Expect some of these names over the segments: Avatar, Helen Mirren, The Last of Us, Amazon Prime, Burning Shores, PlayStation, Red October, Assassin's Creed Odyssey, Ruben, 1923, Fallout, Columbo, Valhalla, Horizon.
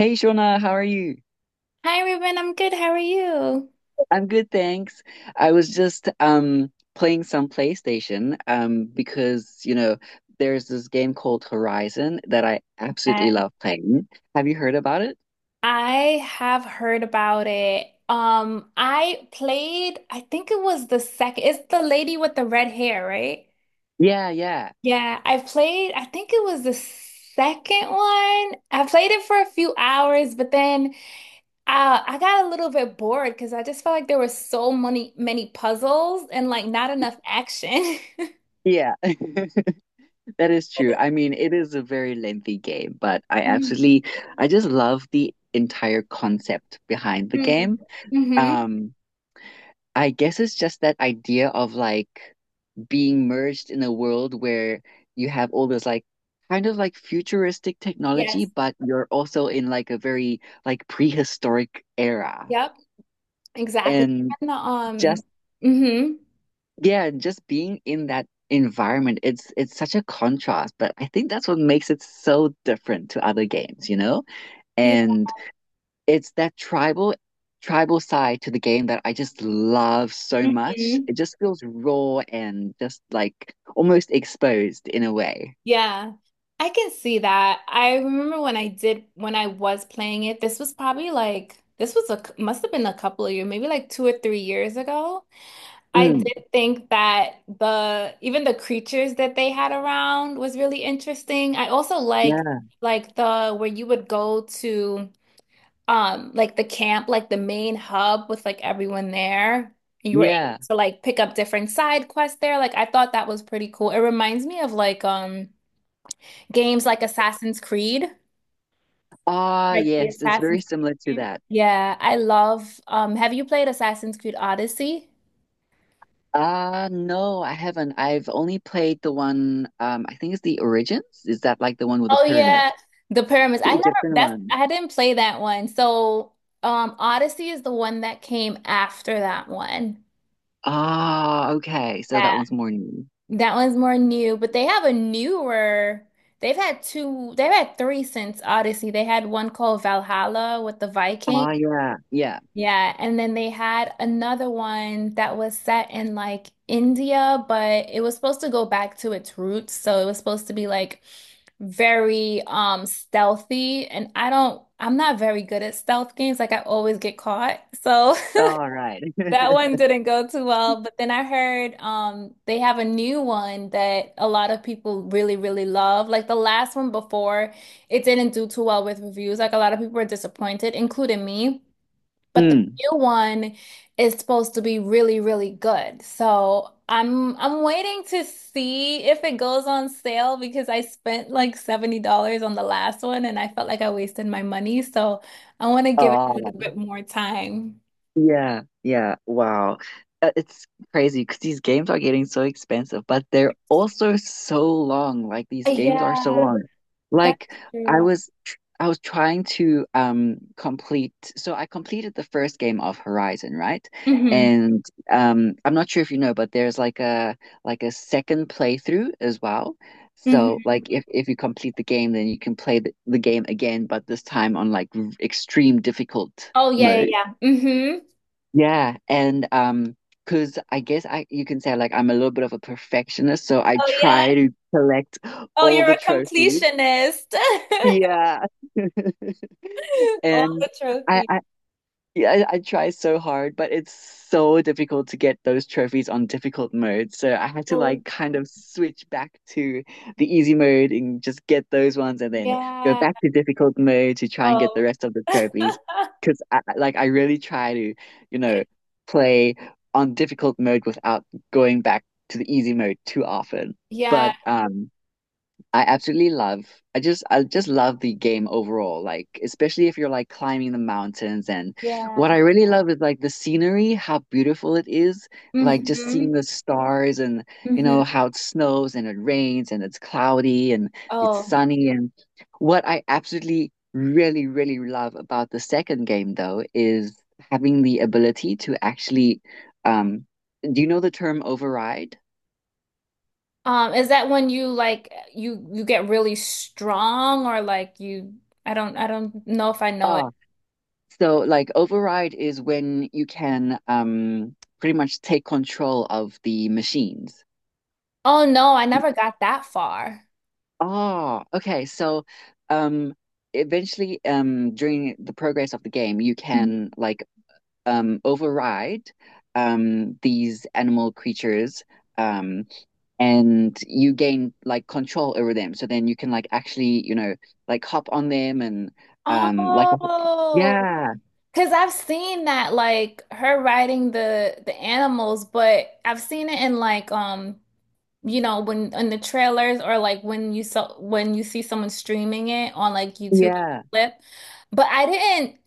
Hey Shona, how are you? Hi, Ruben. I'm good. How are you? I'm good, thanks. I was just playing some PlayStation because, you know, there's this game called Horizon that I Uh, absolutely love playing. Have you heard about it? I have heard about it. I played, I think it was the second, it's the lady with the red hair, right? Yeah, yeah. Yeah, I played, I think it was the second one. I played it for a few hours, but then I got a little bit bored because I just felt like there were so many, many puzzles and like not enough action. Yeah. That is true. I mean, it is a very lengthy game, but I Mm. absolutely I just love the entire concept behind the game. Mm-hmm. Um I guess it's just that idea of like being merged in a world where you have all this like kind of like futuristic technology, Yes. but you're also in like a very like prehistoric era. Yep. Exactly. And And the just hmm yeah, just being in that environment, it's such a contrast, but I think that's what makes it so different to other games, you know? Yeah. And it's that tribal side to the game that I just love so much. hmm It just feels raw and just like almost exposed in a way. Yeah, I can see that. I remember when I was playing it, this was probably like this was a must have been a couple of years, maybe like 2 or 3 years ago. I Mm. did think that the even the creatures that they had around was really interesting. I also Yeah, like the where you would go to like the camp, like the main hub with like everyone there. You were able yeah. to like pick up different side quests there. Like I thought that was pretty cool. It reminds me of like games like Assassin's Creed, Ah, like the yes, it's very Assassin's Creed similar to game. that. Yeah, I love have you played Assassin's Creed Odyssey? Ah, no, I haven't. I've only played the one, I think it's the Origins. Is that like the one with the Oh pyramid? yeah, the pyramids. The Egyptian one. I didn't play that one. So Odyssey is the one that came after that one. Ah, okay. So that Yeah. one's more new. That one's more new, but they have a newer. They've had two, they've had three since Odyssey. They had one called Valhalla with the Viking. Ah, yeah, yeah. Yeah, and then they had another one that was set in like India, but it was supposed to go back to its roots. So it was supposed to be like very stealthy, and I'm not very good at stealth games. Like I always get caught. So All right. That one didn't go too well, but then I heard they have a new one that a lot of people really, really love. Like the last one before, it didn't do too well with reviews. Like a lot of people were disappointed, including me. But the Mm. new one is supposed to be really, really good. So I'm waiting to see if it goes on sale because I spent like $70 on the last one and I felt like I wasted my money. So I want to give it a little Ah. bit more time. Yeah, yeah, wow. It's crazy because these games are getting so expensive, but they're also so long. Like these games are so Yeah. long. That's Like true. I was trying to complete so I completed the first game of Horizon, right? Hmm And I'm not sure if you know, but there's like a second playthrough as well. So hmm like if you complete the game, then you can play the game again, but this time on like extreme difficult Oh yeah, mode. yeah, yeah. hmm Yeah, and 'cause I guess I you can say like I'm a little bit of a perfectionist, so I Oh yeah. try to collect Oh, all you're the a trophies. completionist. Yeah. All And the trophies. I yeah, I try so hard, but it's so difficult to get those trophies on difficult mode. So I had to Oh like kind of switch back to the easy mode and just get those ones and then go yeah, back to difficult mode to try and get the Oh. rest of the trophies. Because like I really try to, you know, play on difficult mode without going back to the easy mode too often. yeah, But I absolutely love. I just love the game overall, like especially if you're like climbing the mountains and what yeah. I really love is like the scenery, how beautiful it is, like just hmm seeing the stars and you hmm know how it snows and it rains and it's cloudy and it's Oh. sunny and what I absolutely really really love about the second game though is having the ability to actually um do you know the term override? Is that when you like you get really strong or like you I don't know if I know it. So, like, override is when you can pretty much take control of the machines. Oh no, I never got that far. Oh, okay. So, um, eventually, during the progress of the game, you Mhm. can like override these animal creatures, um, and you gain like control over them. So then you can like actually, you know, like hop on them and like, Oh. yeah, Cause I've seen that like her riding the animals, but I've seen it in like you know when in the trailers or like when you saw when you see someone streaming it on like YouTube yeah. clip. But I didn't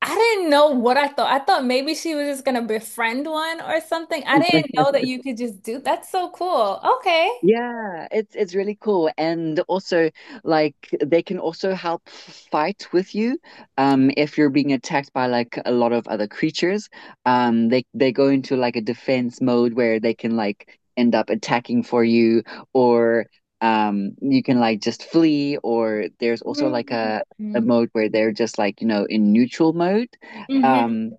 I didn't know what I thought. I thought maybe she was just gonna befriend one or something. I didn't know that you could just do that's so cool. Okay. Yeah, it's really cool. And also like they can also help fight with you if you're being attacked by like a lot of other creatures. They go into like a defense mode where they can like end up attacking for you or you can like just flee or there's also like a Mm. mode where they're just like, you know, in neutral mode. hmm Um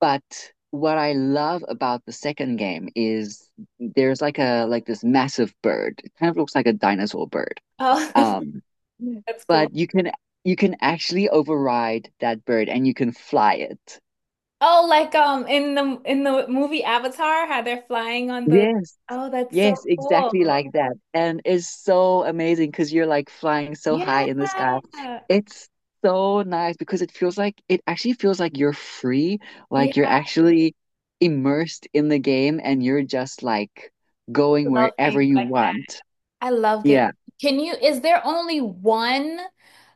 but what I love about the second game is there's like a like this massive bird. It kind of looks like a dinosaur bird. Oh, Um, Yeah. that's cool. But you can actually override that bird and you can fly it. Oh, like in the movie Avatar, how they're flying on the Yes. Oh, that's Yes, so exactly cool. like that. And it's so amazing because you're like flying so high Yeah. in the sky. It's so nice because it feels like it actually feels like you're free, Yeah, like you're actually immersed in the game and you're just like I going love wherever games you like that. want. I love game. Yeah. Can you, is there only one,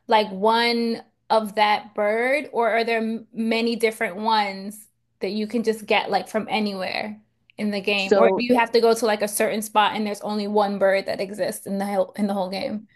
like one of that bird, or are there many different ones that you can just get like from anywhere in the game? Or So do you have to go to like a certain spot and there's only one bird that exists in the whole game?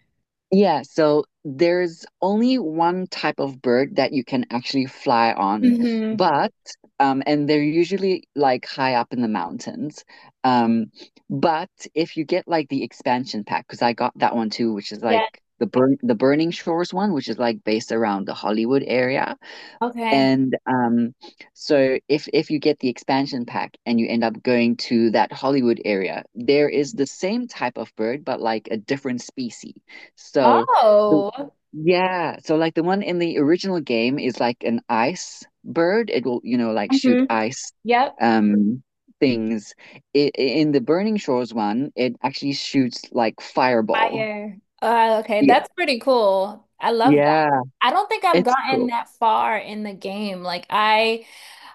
yeah, so there's only one type of bird that you can actually fly on, Mm-hmm. but and they're usually like high up in the mountains. Um, but if you get like the expansion pack, because I got that one too, which is like Yeah. The Burning Shores one, which is like based around the Hollywood area. Okay. And so if you get the expansion pack and you end up going to that Hollywood area, there is the same type of bird, but like a different species. So the Oh, yeah, so like the one in the original game is like an ice bird. It will, you know, like shoot hmm ice yep. um things. I In the Burning Shores one, it actually shoots like fireball. Fire. Okay, Yeah. that's pretty cool. I love that. Yeah, I don't think I've it's gotten cool. that far in the game. Like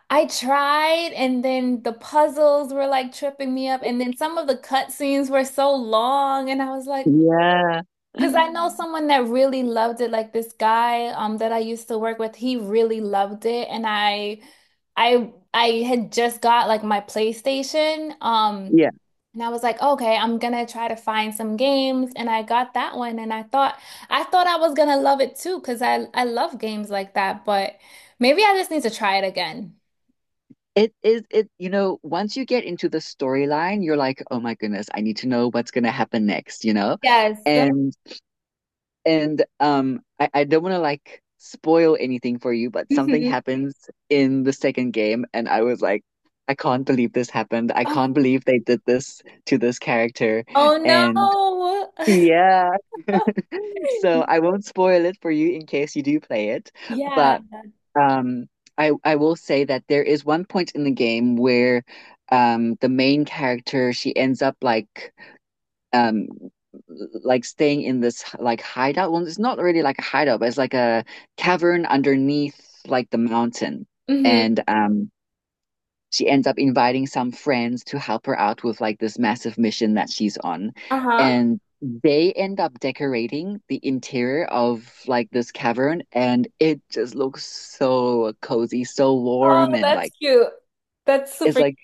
I tried and then the puzzles were like tripping me up and then some of the cutscenes were so long and I was like Yeah. because I know someone that really loved it like this guy that I used to work with, he really loved it and I had just got like my PlayStation. Yeah. And I was like, okay, I'm gonna try to find some games. And I got that one and I thought I was gonna love it too, because I love games like that, but maybe I just need to try it again. It is it, you know, once you get into the storyline, you're like, oh my goodness, I need to know what's gonna happen next, you know? Yes. And and I don't wanna like spoil anything for you, but something Mhm. happens in the second game and I was like, I can't believe this happened. I can't believe they did this to this character. Oh no. And yeah, so I won't spoil it for you in case you do play it, Yeah. but um, I will say that there is one point in the game where the main character she ends up um like staying in this like hideout. Well, it's not really like a hideout, but it's like a cavern underneath like the mountain. hmm And she ends up inviting some friends to help her out with like this massive mission that she's on. Uh-huh. And they end up decorating the interior of like this cavern, and it just looks so cozy, so warm, Oh, and that's like cute. That's it's super cute. like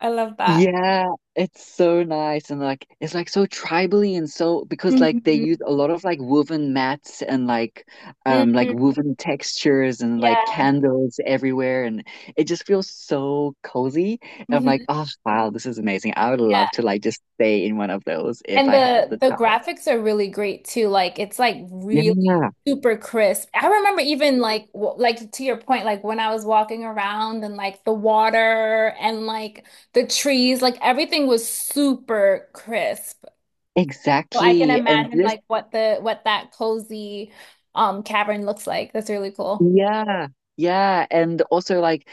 I love that. yeah, it's so nice and like it's like so tribally and so because like they use Hmm a lot of like woven mats and like hmm woven textures and like Yeah. candles everywhere and it just feels so cozy. I'm like, hmm oh wow, this is amazing. I would Yeah. love to like just stay in one of those if And I had the the the chance. graphics are really great too. Like it's like really Yeah, super crisp. I remember even like like to your point, like when I was walking around and like the water and like the trees, like everything was super crisp. So I can exactly. And imagine this like what the what that cozy cavern looks like. That's really cool. yeah, yeah, and also like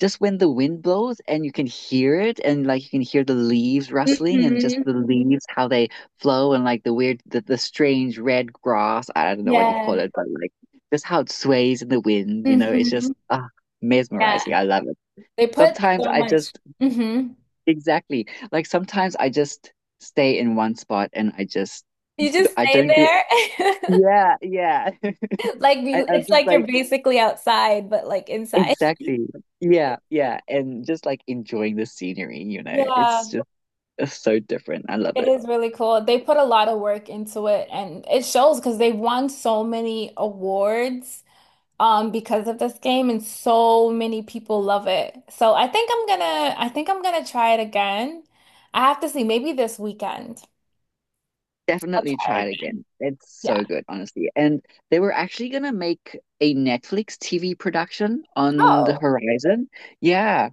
just when the wind blows and you can hear it and like you can hear the leaves rustling and just hmm the leaves how they flow and like the strange red grass, I don't know what you call Yeah. it, but like just how it sways in the wind, you know, it's hmm just ah Yeah. mesmerizing. I love it. They put Sometimes so I much. just Hmm exactly like sometimes I just stay in one spot and I just You just I stay don't do there. yeah, yeah. Like I, I'm it's just like you're like basically outside, but like inside. exactly. Yeah, yeah. And just like enjoying the scenery, you know, Yeah, it's just it's so different. I love it it. is really cool. They put a lot of work into it and it shows because they won so many awards because of this game and so many people love it. So I think I'm gonna try it again. I have to see maybe this weekend. I'll Definitely try try it it again. again. It's Yeah. so good, honestly. And they were actually gonna make a Netflix TV production on the Oh. horizon. Yeah.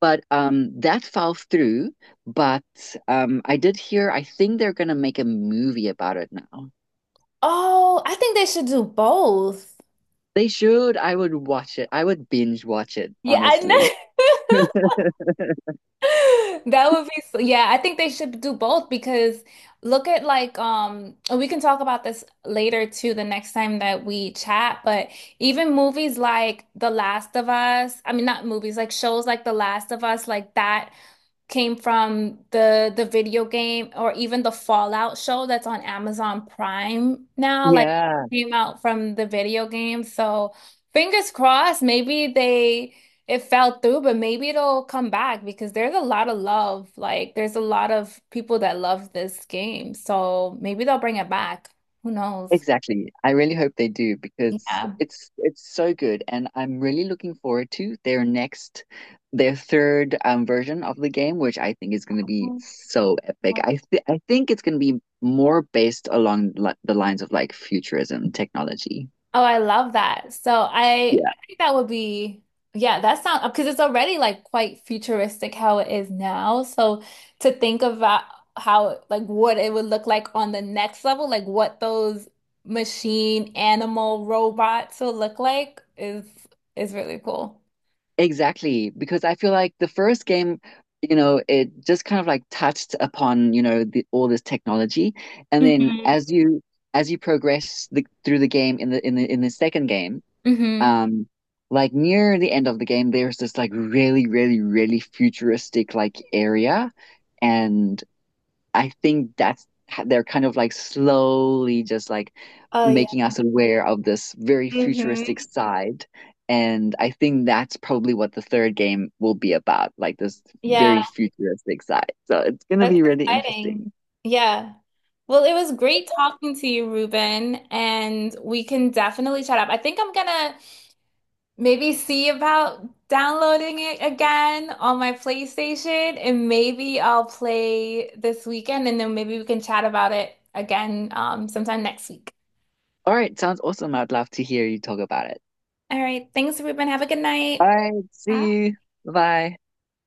But that fell through. But I did hear I think they're gonna make a movie about it now. Oh, I think they should do both. They should. I would watch it. I would binge watch it, Yeah, I honestly. know. That would be, so- yeah, I think they should do both because look at like and we can talk about this later too the next time that we chat, but even movies like The Last of Us, I mean not movies, like shows like The Last of Us, like that came from the video game or even the Fallout show that's on Amazon Prime now, like Yeah. came out from the video game. So fingers crossed, maybe they it fell through, but maybe it'll come back because there's a lot of love. Like, there's a lot of people that love this game. So maybe they'll bring it back. Who knows? Exactly. I really hope they do because Yeah. it's so good and I'm really looking forward to their next their third version of the game which I think is going to be so epic. I think it's going to be more based along li the lines of like futurism technology. Oh, I love that. So I, Yeah. I think that would be, yeah, that sounds because it's already like quite futuristic how it is now. So to think about how, like, what it would look like on the next level, like what those machine animal robots will look like is really cool. Exactly, because I feel like the first game, you know, it just kind of like touched upon, you know, all this technology and then hmm as you progress through the game in the in the second game. hmm Um, like near the end of the game, there's this like really, really, really futuristic like area, and I think that's they're kind of like slowly just like Oh making yeah. us aware of this very hmm futuristic side. And I think that's probably what the third game will be about, like this Yeah, very futuristic side. So it's gonna that's be really exciting. interesting. Yeah. Well, it was great talking to you, Ruben, and we can definitely chat up. I think I'm gonna maybe see about downloading it again on my PlayStation, and maybe I'll play this weekend, and then maybe we can chat about it again sometime next week. All right, sounds awesome. I'd love to hear you talk about it. All right. Thanks, Ruben. Have a good All night. right, Bye. see you. Bye.